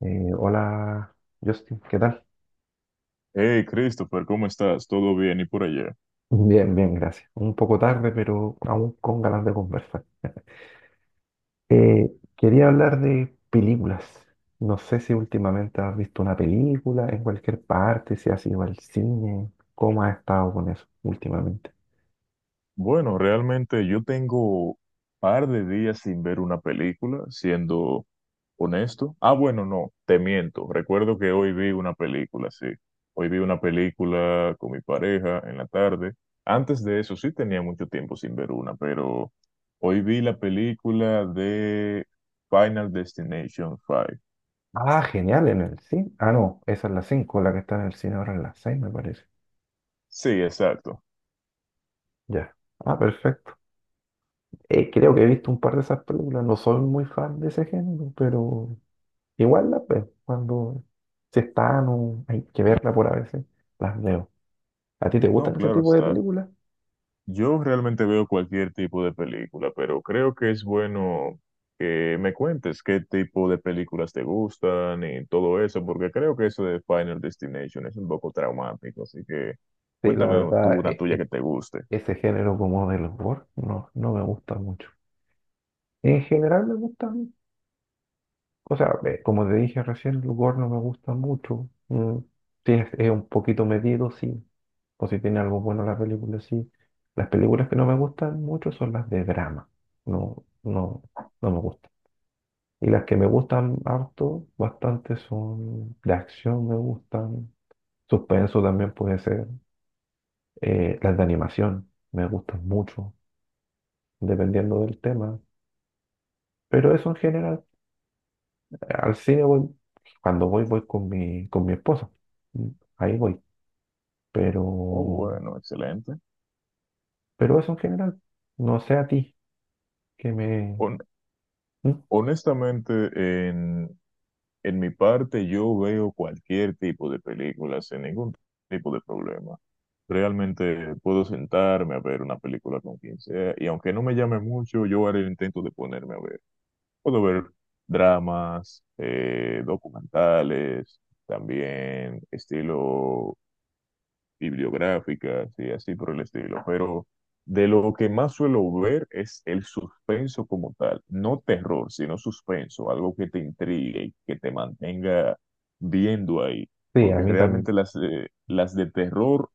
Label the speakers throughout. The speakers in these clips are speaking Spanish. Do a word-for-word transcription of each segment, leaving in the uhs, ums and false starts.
Speaker 1: Eh, hola, Justin, ¿qué tal?
Speaker 2: Hey, Christopher, ¿cómo estás? ¿Todo bien? ¿Y por allá?
Speaker 1: Bien, bien, gracias. Un poco tarde, pero aún con ganas de conversar. Eh, Quería hablar de películas. No sé si últimamente has visto una película en cualquier parte, si has ido al cine, cómo has estado con eso últimamente.
Speaker 2: Bueno, realmente yo tengo par de días sin ver una película, siendo honesto. Ah, bueno, no, te miento. Recuerdo que hoy vi una película, sí. Hoy vi una película con mi pareja en la tarde. Antes de eso sí tenía mucho tiempo sin ver una, pero hoy vi la película de Final Destination cinco.
Speaker 1: Ah, genial, en el cine. Ah, no, esa es la cinco, la que está en el cine ahora es la seis, me parece.
Speaker 2: Sí, exacto.
Speaker 1: Ya. Ah, perfecto. Eh, creo que he visto un par de esas películas. No soy muy fan de ese género, pero igual, la- pues, cuando se están o hay que verla por a veces, las veo. ¿A ti te
Speaker 2: No,
Speaker 1: gustan ese
Speaker 2: claro
Speaker 1: tipo de
Speaker 2: está.
Speaker 1: películas?
Speaker 2: Yo realmente veo cualquier tipo de película, pero creo que es bueno que me cuentes qué tipo de películas te gustan y todo eso, porque creo que eso de Final Destination es un poco traumático, así que
Speaker 1: Sí, la
Speaker 2: cuéntame tú
Speaker 1: verdad,
Speaker 2: una
Speaker 1: e-
Speaker 2: tuya
Speaker 1: e-
Speaker 2: que te guste.
Speaker 1: ese género como del gore no, no me gusta mucho. En general me gustan, o sea, eh, como te dije recién, el gore no me gusta mucho. Mm, si es, es un poquito medido, sí. O si tiene algo bueno la película, sí. Las películas que no me gustan mucho son las de drama. No, no, no me gustan. Y las que me gustan harto, bastante, son de acción, me gustan. Suspenso también puede ser. Eh, las de animación me gustan mucho, dependiendo del tema. Pero eso en general, al cine voy, cuando voy, voy con mi, con mi esposa. Mm, Ahí voy.
Speaker 2: Oh,
Speaker 1: Pero,
Speaker 2: bueno, excelente.
Speaker 1: pero eso en general, no sé a ti, que me...
Speaker 2: Hon-
Speaker 1: Mm.
Speaker 2: Honestamente, en En mi parte, yo veo cualquier tipo de película sin ningún tipo de problema. Realmente puedo sentarme a ver una película con quien sea y aunque no me llame mucho, yo haré el intento de ponerme a ver. Puedo ver dramas, eh, documentales, también estilo bibliográficas y así por el estilo, pero de lo que más suelo ver es el suspenso como tal, no terror, sino suspenso, algo que te intrigue y que te mantenga viendo ahí,
Speaker 1: Sí, a
Speaker 2: porque
Speaker 1: mí
Speaker 2: realmente
Speaker 1: también.
Speaker 2: las, eh, las de terror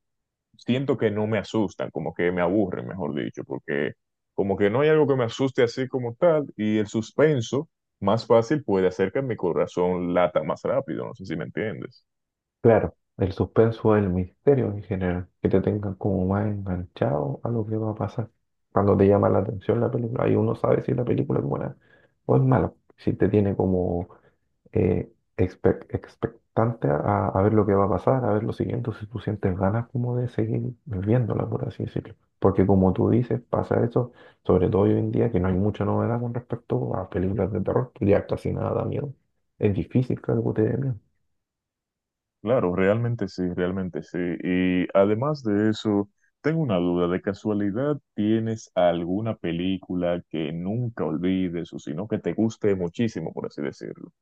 Speaker 2: siento que no me asustan, como que me aburren, mejor dicho, porque como que no hay algo que me asuste así como tal y el suspenso más fácil puede hacer que mi corazón lata más rápido, no sé si me entiendes.
Speaker 1: Claro, el suspenso, es el misterio en general, que te tengan como más enganchado a lo que va a pasar. Cuando te llama la atención la película, ahí uno sabe si la película es buena o es mala, si te tiene como eh, expe- expectante a, a ver lo que va a pasar, a ver lo siguiente, si tú sientes ganas como de seguir viéndola, por así decirlo. Porque como tú dices, pasa eso, sobre todo hoy en día, que no hay mucha novedad con respecto a películas de terror, ya casi nada da miedo. Es difícil que algo te dé miedo.
Speaker 2: Claro, realmente sí, realmente sí. Y además de eso, tengo una duda, ¿de casualidad tienes alguna película que nunca olvides o sino que te guste muchísimo, por así decirlo?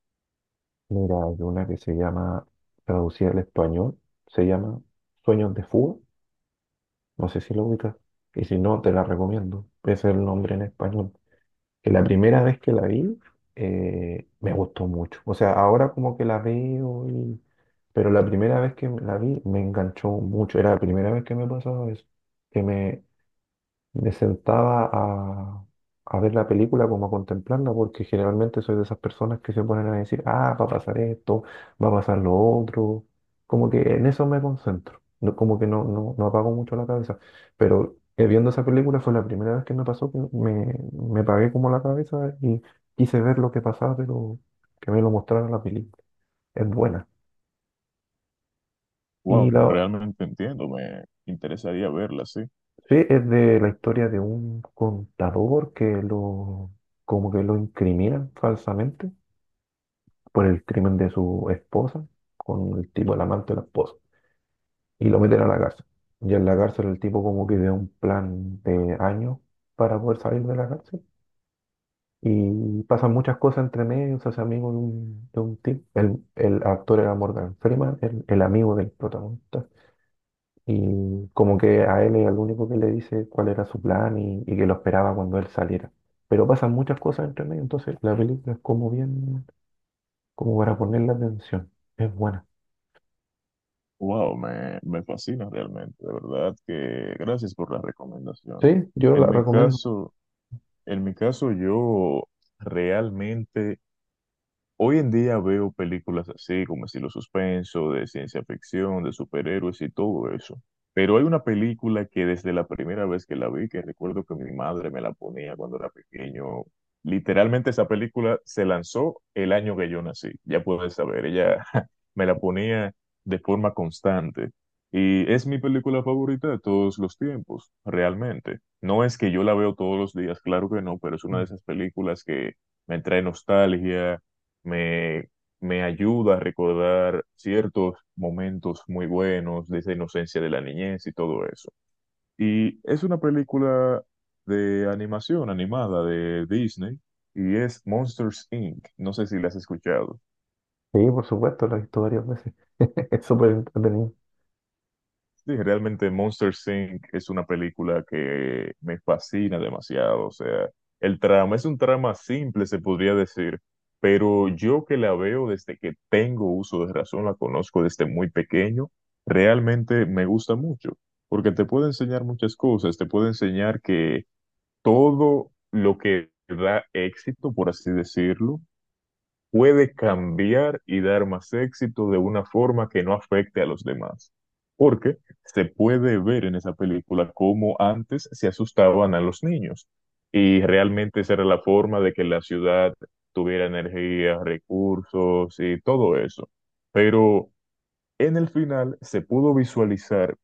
Speaker 1: Mira, hay una que se llama, traducida al español, se llama Sueños de Fuga. No sé si lo ubicas. Y si no, te la recomiendo. Ese es el nombre en español. Que la primera vez que la vi, eh, me gustó mucho. O sea, ahora como que la veo y... Pero la primera vez que la vi me enganchó mucho. Era la primera vez que me pasaba eso. Que me, me sentaba a, a ver la película como a contemplarla, porque generalmente soy de esas personas que se ponen a decir, ah, va a pasar esto, va a pasar lo otro. Como que en eso me concentro, no- como que no, no, no apago mucho la cabeza. Pero eh, viendo esa película fue la primera vez que me pasó que me, me apagué como la cabeza y quise ver lo que pasaba, pero que me lo mostrara la película. Es buena. Y
Speaker 2: Wow,
Speaker 1: la,
Speaker 2: realmente entiendo, me interesaría verla, sí.
Speaker 1: Sí, es de la historia de un contador que lo, como que lo incriminan falsamente por el crimen de su esposa con el tipo, el amante de la esposa, y lo meten a la cárcel. Y en la cárcel el tipo como que ve un plan de años para poder salir de la cárcel. Y pasan muchas cosas entre medio, se hace amigo de un, de un tipo. El, el actor era Morgan Freeman, el, el amigo del protagonista. Y como que a él es el único que le dice cuál era su plan y, y que lo esperaba cuando él saliera. Pero pasan muchas cosas entre medio, entonces la película es como bien, como para ponerle atención. Es buena.
Speaker 2: Wow, me, me fascina realmente, de verdad que gracias por la
Speaker 1: Sí,
Speaker 2: recomendación.
Speaker 1: yo la
Speaker 2: En mi
Speaker 1: recomiendo.
Speaker 2: caso, en mi caso yo realmente hoy en día veo películas así como estilo suspenso, de ciencia ficción, de superhéroes y todo eso. Pero hay una película que desde la primera vez que la vi, que recuerdo que mi madre me la ponía cuando era pequeño. Literalmente esa película se lanzó el año que yo nací. Ya puedes saber, ella me la ponía de forma constante. Y es mi película favorita de todos los tiempos, realmente. No es que yo la veo todos los días, claro que no, pero es una de
Speaker 1: Mm.
Speaker 2: esas películas que me trae nostalgia me, me ayuda a recordar ciertos momentos muy buenos de esa inocencia de la niñez y todo eso. Y es una película de animación animada de Disney y es Monsters inc. No sé si la has escuchado.
Speaker 1: Sí, por supuesto, la he visto varias veces. Es súper entretenido.
Speaker 2: Sí, realmente Monster inc es una película que me fascina demasiado. O sea, el trama es un trama simple, se podría decir, pero yo que la veo desde que tengo uso de razón, la conozco desde muy pequeño, realmente me gusta mucho, porque te puede enseñar muchas cosas, te puede enseñar que todo lo que da éxito, por así decirlo, puede cambiar y dar más éxito de una forma que no afecte a los demás. Porque se puede ver en esa película cómo antes se asustaban a los niños y realmente esa era la forma de que la ciudad tuviera energía, recursos y todo eso. Pero en el final se pudo visualizar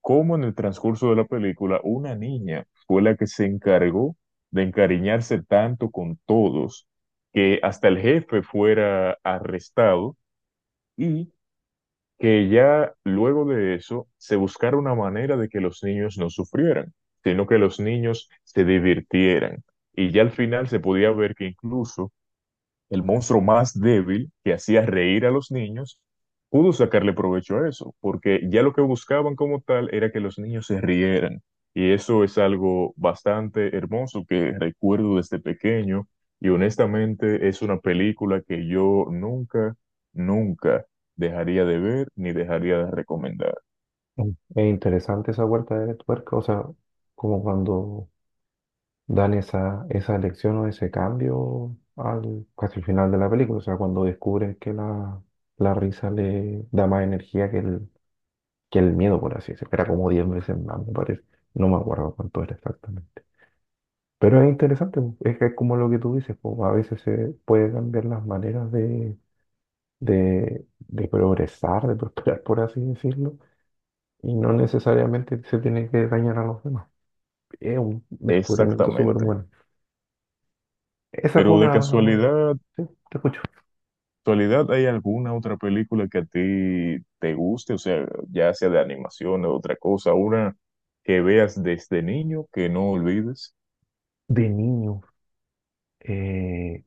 Speaker 2: cómo en el transcurso de la película una niña fue la que se encargó de encariñarse tanto con todos, que hasta el jefe fuera arrestado y que ya luego de eso se buscara una manera de que los niños no sufrieran, sino que los niños se divirtieran. Y ya al final se podía ver que incluso el monstruo más débil que hacía reír a los niños, pudo sacarle provecho a eso, porque ya lo que buscaban como tal era que los niños se rieran. Y eso es algo bastante hermoso que recuerdo desde pequeño y honestamente es una película que yo nunca, nunca dejaría de ver ni dejaría de recomendar.
Speaker 1: Mm. Es interesante esa vuelta de tuerca, o sea, como cuando dan esa, esa elección o ese cambio al casi al final de la película, o sea, cuando descubres que la, la risa le da más energía que el, que el miedo, por así decirlo. Era como diez veces más, me parece. No me acuerdo cuánto era exactamente. Pero es interesante, po. Es que es como lo que tú dices, po, a veces se puede cambiar las maneras de, de, de progresar, de prosperar, por así decirlo, y no necesariamente se tiene que dañar a los demás. Es un descubrimiento súper
Speaker 2: Exactamente.
Speaker 1: bueno. Esa fue
Speaker 2: Pero de
Speaker 1: una...
Speaker 2: casualidad,
Speaker 1: Sí, te escucho.
Speaker 2: ¿actualidad hay alguna otra película que a ti te guste? O sea, ya sea de animación o otra cosa, una que veas desde niño que no olvides.
Speaker 1: De niño, eh,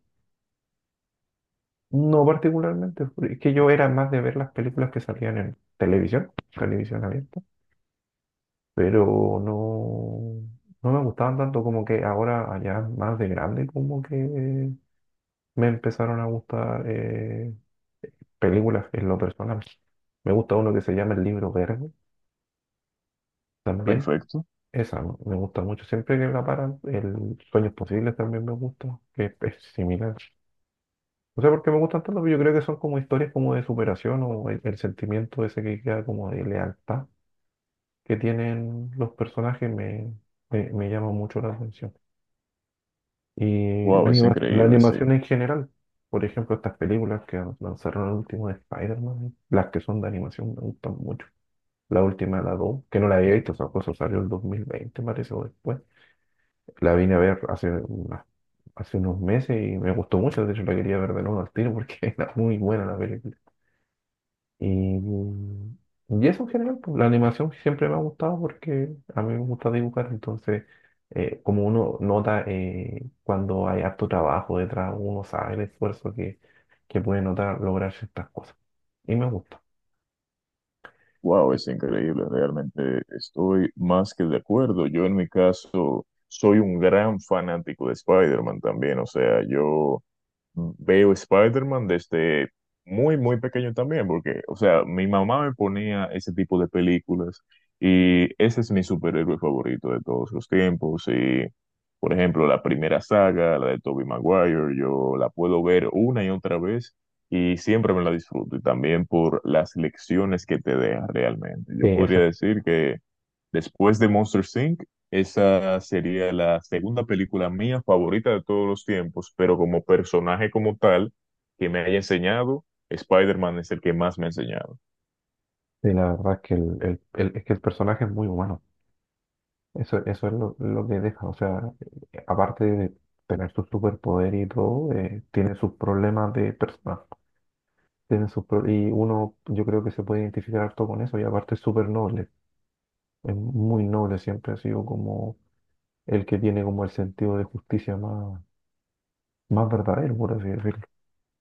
Speaker 1: no particularmente, porque es que yo era más de ver las películas que salían en televisión, televisión abierta. Pero no, no me gustaban tanto como que ahora, allá más de grande, como que me empezaron a gustar eh, películas en lo personal. Me gusta uno que se llama El Libro Verde, también.
Speaker 2: Perfecto.
Speaker 1: Esa me me gusta mucho. Siempre que la paran, el Sueños Posibles también me gusta, que es es similar. No sé por qué me gustan tanto, pero yo creo que son como historias como de superación o el, el sentimiento ese que queda como de lealtad que tienen los personajes me, me, me llama mucho la atención. Y la
Speaker 2: Wow, es
Speaker 1: anima- la
Speaker 2: increíble, sí.
Speaker 1: animación en general, por ejemplo, estas películas que lanzaron el último de Spider-Man, las que son de animación me gustan mucho. La última, la dos que no la había visto, esa cosa salió el dos mil veinte parece, o después. La vine a ver hace, unas- hace unos meses y me gustó mucho, de hecho la quería ver de nuevo al tiro porque era muy buena la película. Y, y eso en general, pues, la animación siempre me ha gustado porque a mí me gusta dibujar, entonces eh, como uno nota eh, cuando hay harto trabajo detrás, uno sabe el esfuerzo que, que puede notar lograr ciertas cosas. Y me gusta.
Speaker 2: Wow, es increíble. Realmente estoy más que de acuerdo. Yo en mi caso soy un gran fanático de Spider-Man también. O sea, yo mm, veo Spider-Man desde muy, muy pequeño también, porque, o sea, mi mamá me ponía ese tipo de películas y ese es mi superhéroe favorito de todos los tiempos. Y, por ejemplo, la primera saga, la de Tobey Maguire, yo la puedo ver una y otra vez y siempre me la disfruto. Y también por las lecciones que te deja realmente.
Speaker 1: Sí,
Speaker 2: Yo podría
Speaker 1: eso,
Speaker 2: decir que después de Monster inc, esa sería la segunda película mía favorita de todos los tiempos, pero como personaje como tal que me haya enseñado, Spider-Man es el que más me ha enseñado.
Speaker 1: sí, la verdad es que el, el- el- es que el personaje es muy humano. Eso, eso es lo, lo que deja. O sea, eh, aparte de tener su superpoder y todo, eh, tiene sus problemas de persona. Tienen sus pro- y uno yo creo que se puede identificar harto con eso y aparte es súper noble, es muy noble, siempre ha sido como el que tiene como el sentido de justicia más, más verdadero, por así decirlo.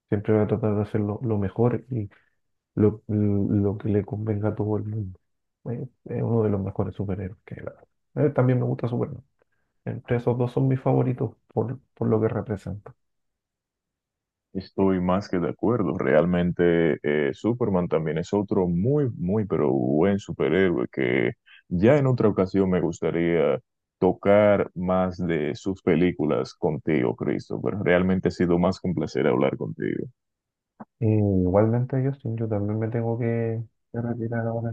Speaker 1: Siempre va a tratar de hacer lo, lo mejor y lo, lo que le convenga a todo el mundo. Eh, Es uno de los mejores superhéroes que hay, la verdad. Eh, también me gusta Superman. Entre esos dos son mis favoritos por, por lo que representa.
Speaker 2: Estoy más que de acuerdo. Realmente eh, Superman también es otro muy, muy, pero buen superhéroe que ya en otra ocasión me gustaría tocar más de sus películas contigo, Cristo, pero realmente ha sido más que un placer hablar contigo.
Speaker 1: Eh, igualmente, Justin, yo también me tengo que que retirar ahora.